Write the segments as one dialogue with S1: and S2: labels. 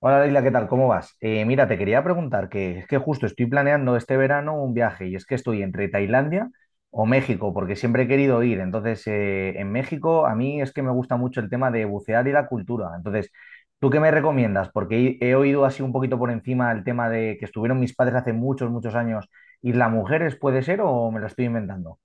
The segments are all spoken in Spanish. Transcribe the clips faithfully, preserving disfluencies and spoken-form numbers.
S1: Hola Leila, ¿qué tal? ¿Cómo vas? Eh, mira, te quería preguntar que es que justo estoy planeando este verano un viaje y es que estoy entre Tailandia o México porque siempre he querido ir. Entonces, eh, en México a mí es que me gusta mucho el tema de bucear y la cultura. Entonces, ¿tú qué me recomiendas? Porque he, he oído así un poquito por encima el tema de que estuvieron mis padres hace muchos, muchos años. ¿Isla Mujeres puede ser o me lo estoy inventando?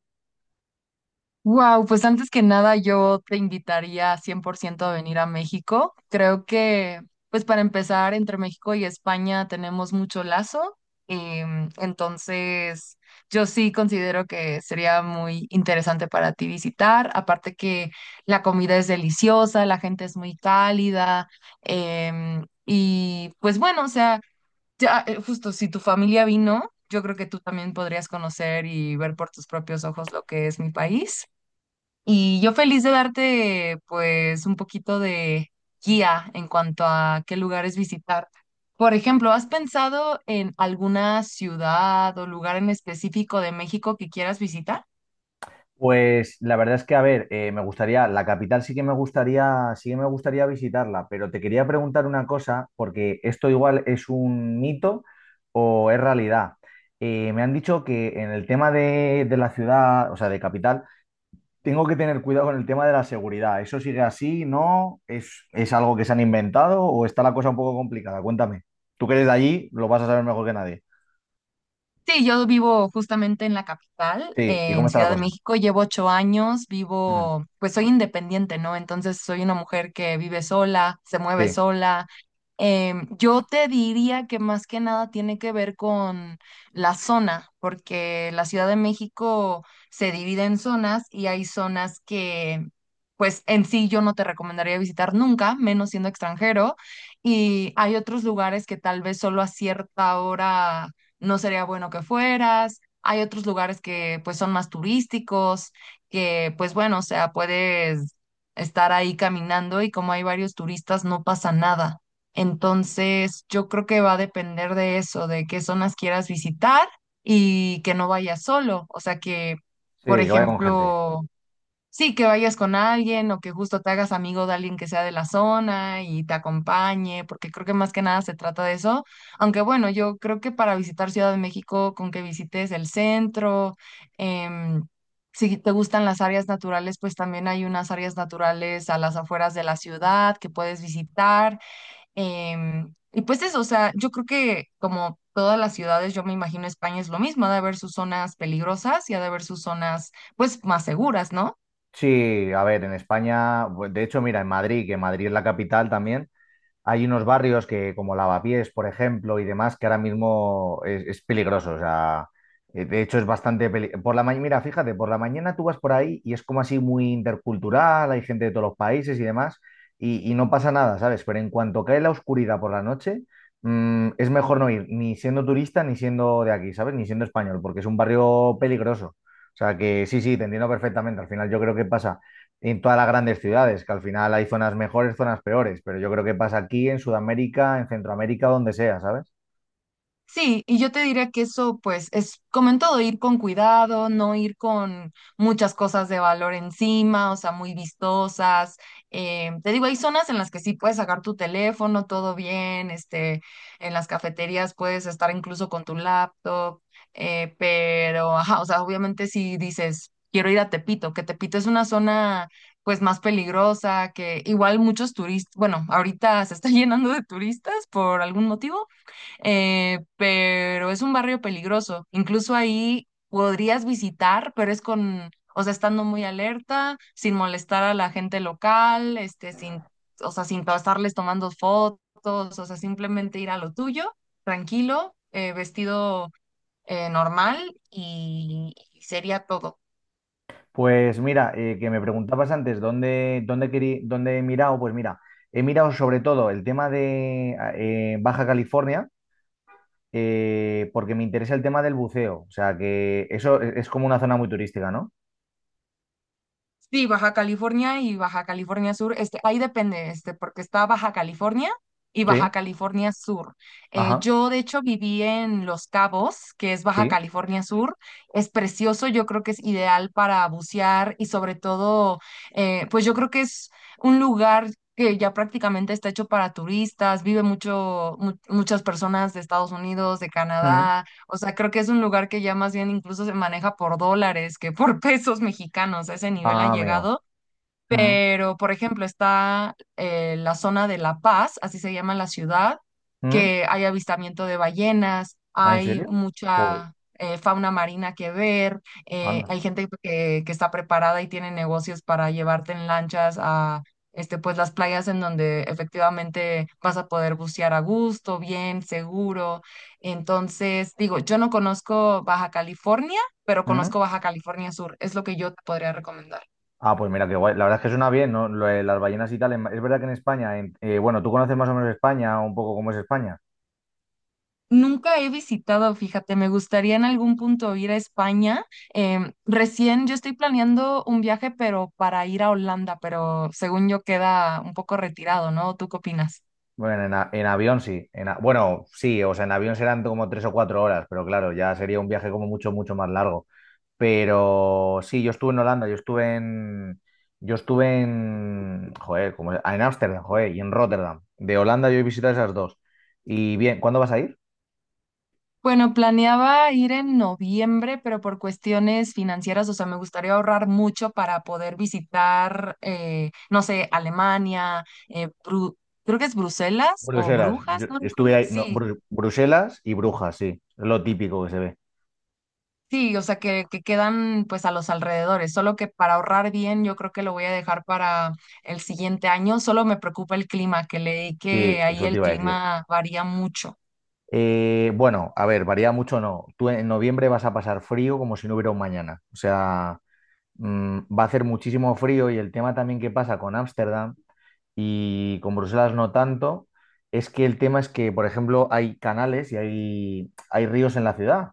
S2: Wow, pues antes que nada yo te invitaría cien por ciento a venir a México. Creo que, pues para empezar, entre México y España tenemos mucho lazo. Em, entonces, yo sí considero que sería muy interesante para ti visitar. Aparte que la comida es deliciosa, la gente es muy cálida. Em, y pues bueno, o sea, ya, eh, justo si tu familia vino, yo creo que tú también podrías conocer y ver por tus propios ojos lo que es mi país. Y yo feliz de darte pues un poquito de guía en cuanto a qué lugares visitar. Por ejemplo, ¿has pensado en alguna ciudad o lugar en específico de México que quieras visitar?
S1: Pues la verdad es que, a ver, eh, me gustaría, la capital sí que me gustaría, sí que me gustaría visitarla, pero te quería preguntar una cosa, porque esto igual es un mito o es realidad. Eh, me han dicho que en el tema de, de la ciudad, o sea, de capital, tengo que tener cuidado con el tema de la seguridad. ¿Eso sigue así? ¿No? ¿Es, es algo que se han inventado o está la cosa un poco complicada? Cuéntame. Tú que eres de allí, lo vas a saber mejor que nadie.
S2: Sí, yo vivo justamente en la capital,
S1: Sí, ¿y cómo
S2: en
S1: está la
S2: Ciudad de
S1: cosa?
S2: México. Llevo ocho años,
S1: Mm,
S2: vivo, pues soy independiente, ¿no? Entonces soy una mujer que vive sola, se mueve
S1: sí,
S2: sola. Em, yo te diría que más que nada tiene que ver con la zona, porque la Ciudad de México se divide en zonas y hay zonas que, pues en sí yo no te recomendaría visitar nunca, menos siendo extranjero. Y hay otros lugares que tal vez solo a cierta hora no sería bueno que fueras. Hay otros lugares que pues son más turísticos, que pues bueno, o sea, puedes estar ahí caminando y como hay varios turistas, no pasa nada. Entonces, yo creo que va a depender de eso, de qué zonas quieras visitar y que no vayas solo. O sea, que,
S1: sí,
S2: por
S1: que vaya con gente.
S2: ejemplo, sí, que vayas con alguien o que justo te hagas amigo de alguien que sea de la zona y te acompañe, porque creo que más que nada se trata de eso. Aunque bueno, yo creo que para visitar Ciudad de México, con que visites el centro, em, si te gustan las áreas naturales, pues también hay unas áreas naturales a las afueras de la ciudad que puedes visitar. Em, y pues eso, o sea, yo creo que como todas las ciudades, yo me imagino España es lo mismo, ha de haber sus zonas peligrosas y ha de haber sus zonas pues más seguras, ¿no?
S1: Sí, a ver, en España, bu- de hecho, mira, en Madrid, que Madrid es la capital también, hay unos barrios que, como Lavapiés, por ejemplo, y demás, que ahora mismo es, es peligroso. O sea, eh, de hecho es bastante peli- Por la mañana, mira, fíjate, por la mañana tú vas por ahí y es como así muy intercultural, hay gente de todos los países y demás, y, y no pasa nada, ¿sabes? Pero en cuanto cae la oscuridad por la noche, mm, es mejor no ir, ni siendo turista, ni siendo de aquí, ¿sabes? Ni siendo español, porque es un barrio peligroso. O sea que sí, sí, te entiendo perfectamente. Al final yo creo que pasa en todas las grandes ciudades, que al final hay zonas mejores, zonas peores, pero yo creo que pasa aquí en Sudamérica, en Centroamérica, donde sea, ¿sabes?
S2: Sí, y yo te diría que eso, pues, es como en todo, ir con cuidado, no ir con muchas cosas de valor encima, o sea, muy vistosas. Eh, te digo, hay zonas en las que sí puedes sacar tu teléfono, todo bien, este, en las cafeterías puedes estar incluso con tu laptop, eh, pero, ajá, o sea, obviamente si dices, quiero ir a Tepito, que Tepito es una zona, pues, más peligrosa, que igual muchos turistas, bueno, ahorita se está llenando de turistas por algún motivo eh, pero es un barrio peligroso. Incluso ahí podrías visitar, pero es con, o sea, estando muy alerta, sin molestar a la gente local, este, sin, o sea, sin to- estarles tomando fotos, o sea, simplemente ir a lo tuyo, tranquilo, eh, vestido eh, normal y y sería todo.
S1: Pues mira, eh, que me preguntabas antes dónde, dónde, querí- dónde he mirado, pues mira, he mirado sobre todo el tema de ah, eh, Baja California, eh, porque me interesa el tema del buceo, o sea que eso es, es como una zona muy turística, ¿no?
S2: Sí, Baja California y Baja California Sur, este, ahí depende, este, porque está Baja California y Baja
S1: Sí,
S2: California Sur. Eh,
S1: ajá,
S2: yo, de hecho, viví en Los Cabos, que es Baja
S1: sí.
S2: California Sur. Es precioso, yo creo que es ideal para bucear y sobre todo, eh, pues yo creo que es un lugar que ya prácticamente está hecho para turistas, vive mucho, mu- muchas personas de Estados Unidos, de
S1: Mm.
S2: Canadá, o sea, creo que es un lugar que ya más bien incluso se maneja por dólares que por pesos mexicanos. A ese nivel ha
S1: Ah, amigo.
S2: llegado.
S1: Mm,
S2: Pero, por ejemplo, está eh, la zona de La Paz, así se llama la ciudad,
S1: mm.
S2: que hay avistamiento de ballenas,
S1: ¿Ah, en
S2: hay
S1: serio? Joder,
S2: mucha eh, fauna marina que ver, eh,
S1: anda.
S2: hay gente que, que está preparada y tiene negocios para llevarte en lanchas a este, pues, las playas en donde efectivamente vas a poder bucear a gusto, bien, seguro. Entonces, digo, yo no conozco Baja California, pero
S1: Mm.
S2: conozco Baja California Sur, es lo que yo te podría recomendar.
S1: Ah, pues mira, qué guay. La verdad es que suena bien, ¿no? Lo de las ballenas y tal. En- Es verdad que en España, en- eh, bueno, tú conoces más o menos España, un poco cómo es España.
S2: Nunca he visitado, fíjate, me gustaría en algún punto ir a España. Em, recién yo estoy planeando un viaje, pero para ir a Holanda, pero según yo queda un poco retirado, ¿no? ¿Tú qué opinas?
S1: Bueno, en, a- en avión sí. En a- bueno, sí, o sea, en avión serán como tres o cuatro horas, pero claro, ya sería un viaje como mucho, mucho más largo. Pero sí, yo estuve en, Holanda, yo estuve en, yo estuve en, joder, como, en Ámsterdam, joder, y en Rotterdam. De Holanda yo he visitado esas dos. Y bien, ¿cuándo vas a ir?
S2: Bueno, planeaba ir en noviembre, pero por cuestiones financieras, o sea, me gustaría ahorrar mucho para poder visitar, eh, no sé, Alemania, eh, Bru- creo que es Bruselas o
S1: Bruselas. Yo
S2: Brujas, no
S1: estuve
S2: recuerdo.
S1: ahí, no,
S2: Sí,
S1: Bru- Bruselas y Brujas, sí. Es lo típico que se ve.
S2: sí, o sea, que, que quedan pues a los alrededores, solo que para ahorrar bien yo creo que lo voy a dejar para el siguiente año, solo me preocupa el clima, que leí
S1: Sí,
S2: que ahí
S1: eso te
S2: el
S1: iba a decir.
S2: clima varía mucho.
S1: Eh, bueno, a ver, varía mucho no. Tú en noviembre vas a pasar frío como si no hubiera un mañana. O sea, mm, va a hacer muchísimo frío y el tema también que pasa con Ámsterdam y con Bruselas no tanto, es que el tema es que, por ejemplo, hay canales y hay, hay ríos en la ciudad.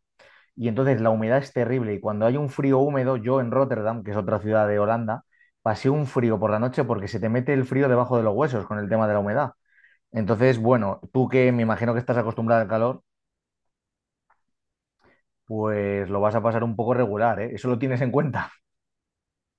S1: Y entonces la humedad es terrible. Y cuando hay un frío húmedo, yo en Rotterdam, que es otra ciudad de Holanda, pasé un frío por la noche porque se te mete el frío debajo de los huesos con el tema de la humedad. Entonces, bueno, tú que me imagino que estás acostumbrada al calor, pues lo vas a pasar un poco regular, ¿eh? Eso lo tienes en cuenta.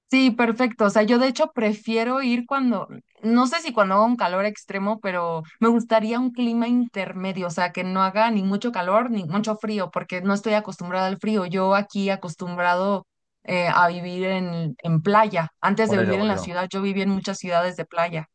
S2: Sí, perfecto, o sea, yo de hecho prefiero ir cuando, no sé si cuando haga un calor extremo, pero me gustaría un clima intermedio, o sea, que no haga ni mucho calor ni mucho frío, porque no estoy acostumbrada al frío, yo aquí acostumbrado... eh, a vivir en, en playa. Antes de
S1: Por eso,
S2: vivir en
S1: por
S2: la
S1: eso.
S2: ciudad, yo viví en muchas ciudades de playa.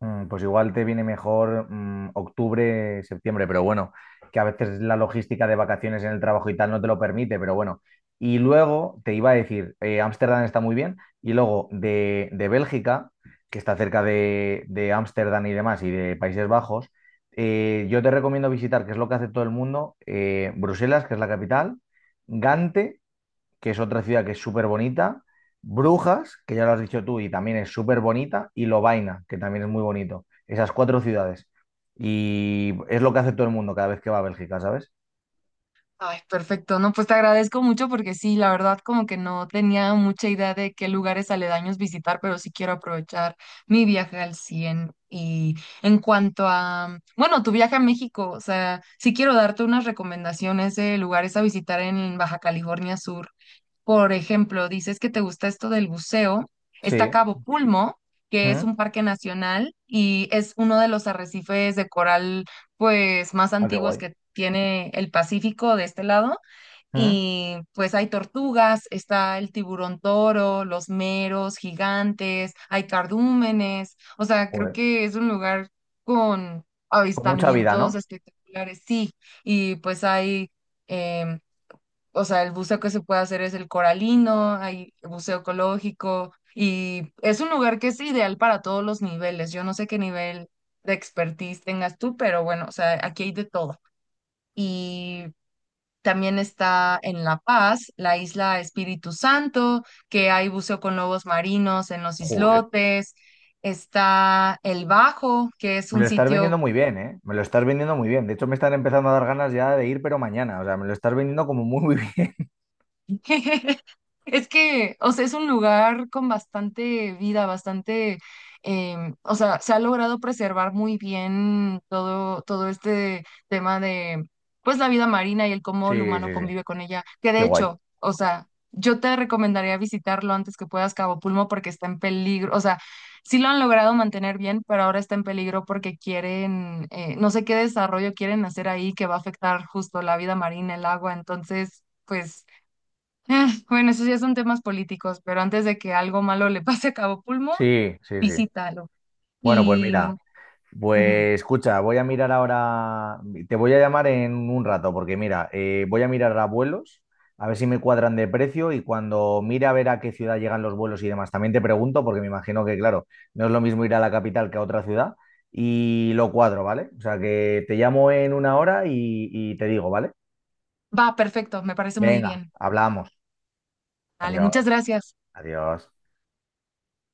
S1: Mm, pues igual te viene mejor mm, octubre, septiembre, pero bueno, que a veces la logística de vacaciones en el trabajo y tal no te lo permite, pero bueno. Y luego te iba a decir, eh, Ámsterdam está muy bien, y luego de, de Bélgica, que está cerca de, de Ámsterdam y demás, y de Países Bajos, eh, yo te recomiendo visitar, que es lo que hace todo el mundo, eh, Bruselas, que es la capital, Gante que es otra ciudad que es súper bonita, Brujas, que ya lo has dicho tú y también es súper bonita, y Lovaina, que también es muy bonito. Esas cuatro ciudades. Y es lo que hace todo el mundo cada vez que va a Bélgica, ¿sabes?
S2: Ay, perfecto. No, pues te agradezco mucho porque sí, la verdad como que no tenía mucha idea de qué lugares aledaños visitar, pero sí quiero aprovechar mi viaje al cien. Y en cuanto a, bueno, tu viaje a México, o sea, sí quiero darte unas recomendaciones de lugares a visitar en Baja California Sur. Por ejemplo, dices que te gusta esto del buceo. Está
S1: Sí.
S2: Cabo Pulmo, que es
S1: Mm.
S2: un parque nacional y es uno de los arrecifes de coral, pues, más
S1: Ah, qué
S2: antiguos
S1: guay.
S2: que tiene el Pacífico de este lado.
S1: Mm.
S2: Y pues hay tortugas, está el tiburón toro, los meros gigantes, hay cardúmenes. O sea, creo
S1: Joder.
S2: que es un lugar con
S1: Con mucha vida,
S2: avistamientos
S1: ¿no?
S2: espectaculares, sí. Y pues hay... em, o sea, el buceo que se puede hacer es el coralino, hay buceo ecológico y es un lugar que es ideal para todos los niveles. Yo no sé qué nivel de expertise tengas tú, pero bueno, o sea, aquí hay de todo. Y también está en La Paz, la isla Espíritu Santo, que hay buceo con lobos marinos en los
S1: Joder.
S2: islotes. Está El Bajo, que es
S1: Me lo
S2: un
S1: estás
S2: sitio.
S1: vendiendo muy bien, ¿eh? Me lo estás vendiendo muy bien. De hecho, me están empezando a dar ganas ya de ir, pero mañana. O sea, me lo estás vendiendo como muy, muy bien.
S2: Es que, o sea, es un lugar con bastante vida, bastante, em, o sea, se ha logrado preservar muy bien todo, todo este tema de, pues, la vida marina y el cómo el
S1: Sí,
S2: humano
S1: sí, sí.
S2: convive con ella. Que
S1: Qué
S2: de
S1: guay.
S2: hecho, o sea, yo te recomendaría visitarlo antes que puedas Cabo Pulmo porque está en peligro, o sea, sí lo han logrado mantener bien, pero ahora está en peligro porque quieren, eh, no sé qué desarrollo quieren hacer ahí que va a afectar justo la vida marina, el agua, entonces, pues eh, bueno, esos ya son temas políticos, pero antes de que algo malo le pase a Cabo Pulmo,
S1: Sí, sí, sí.
S2: visítalo.
S1: Bueno, pues
S2: Y
S1: mira.
S2: ujú.
S1: Pues escucha, voy a mirar ahora, te voy a llamar en un rato porque mira, eh, voy a mirar a vuelos, a ver si me cuadran de precio y cuando mire a ver a qué ciudad llegan los vuelos y demás, también te pregunto porque me imagino que claro, no es lo mismo ir a la capital que a otra ciudad y lo cuadro, ¿vale? O sea que te llamo en una hora y, y te digo, ¿vale?
S2: Va, perfecto, me parece muy
S1: Venga,
S2: bien.
S1: hablamos.
S2: Vale, muchas
S1: Adiós,
S2: gracias.
S1: adiós.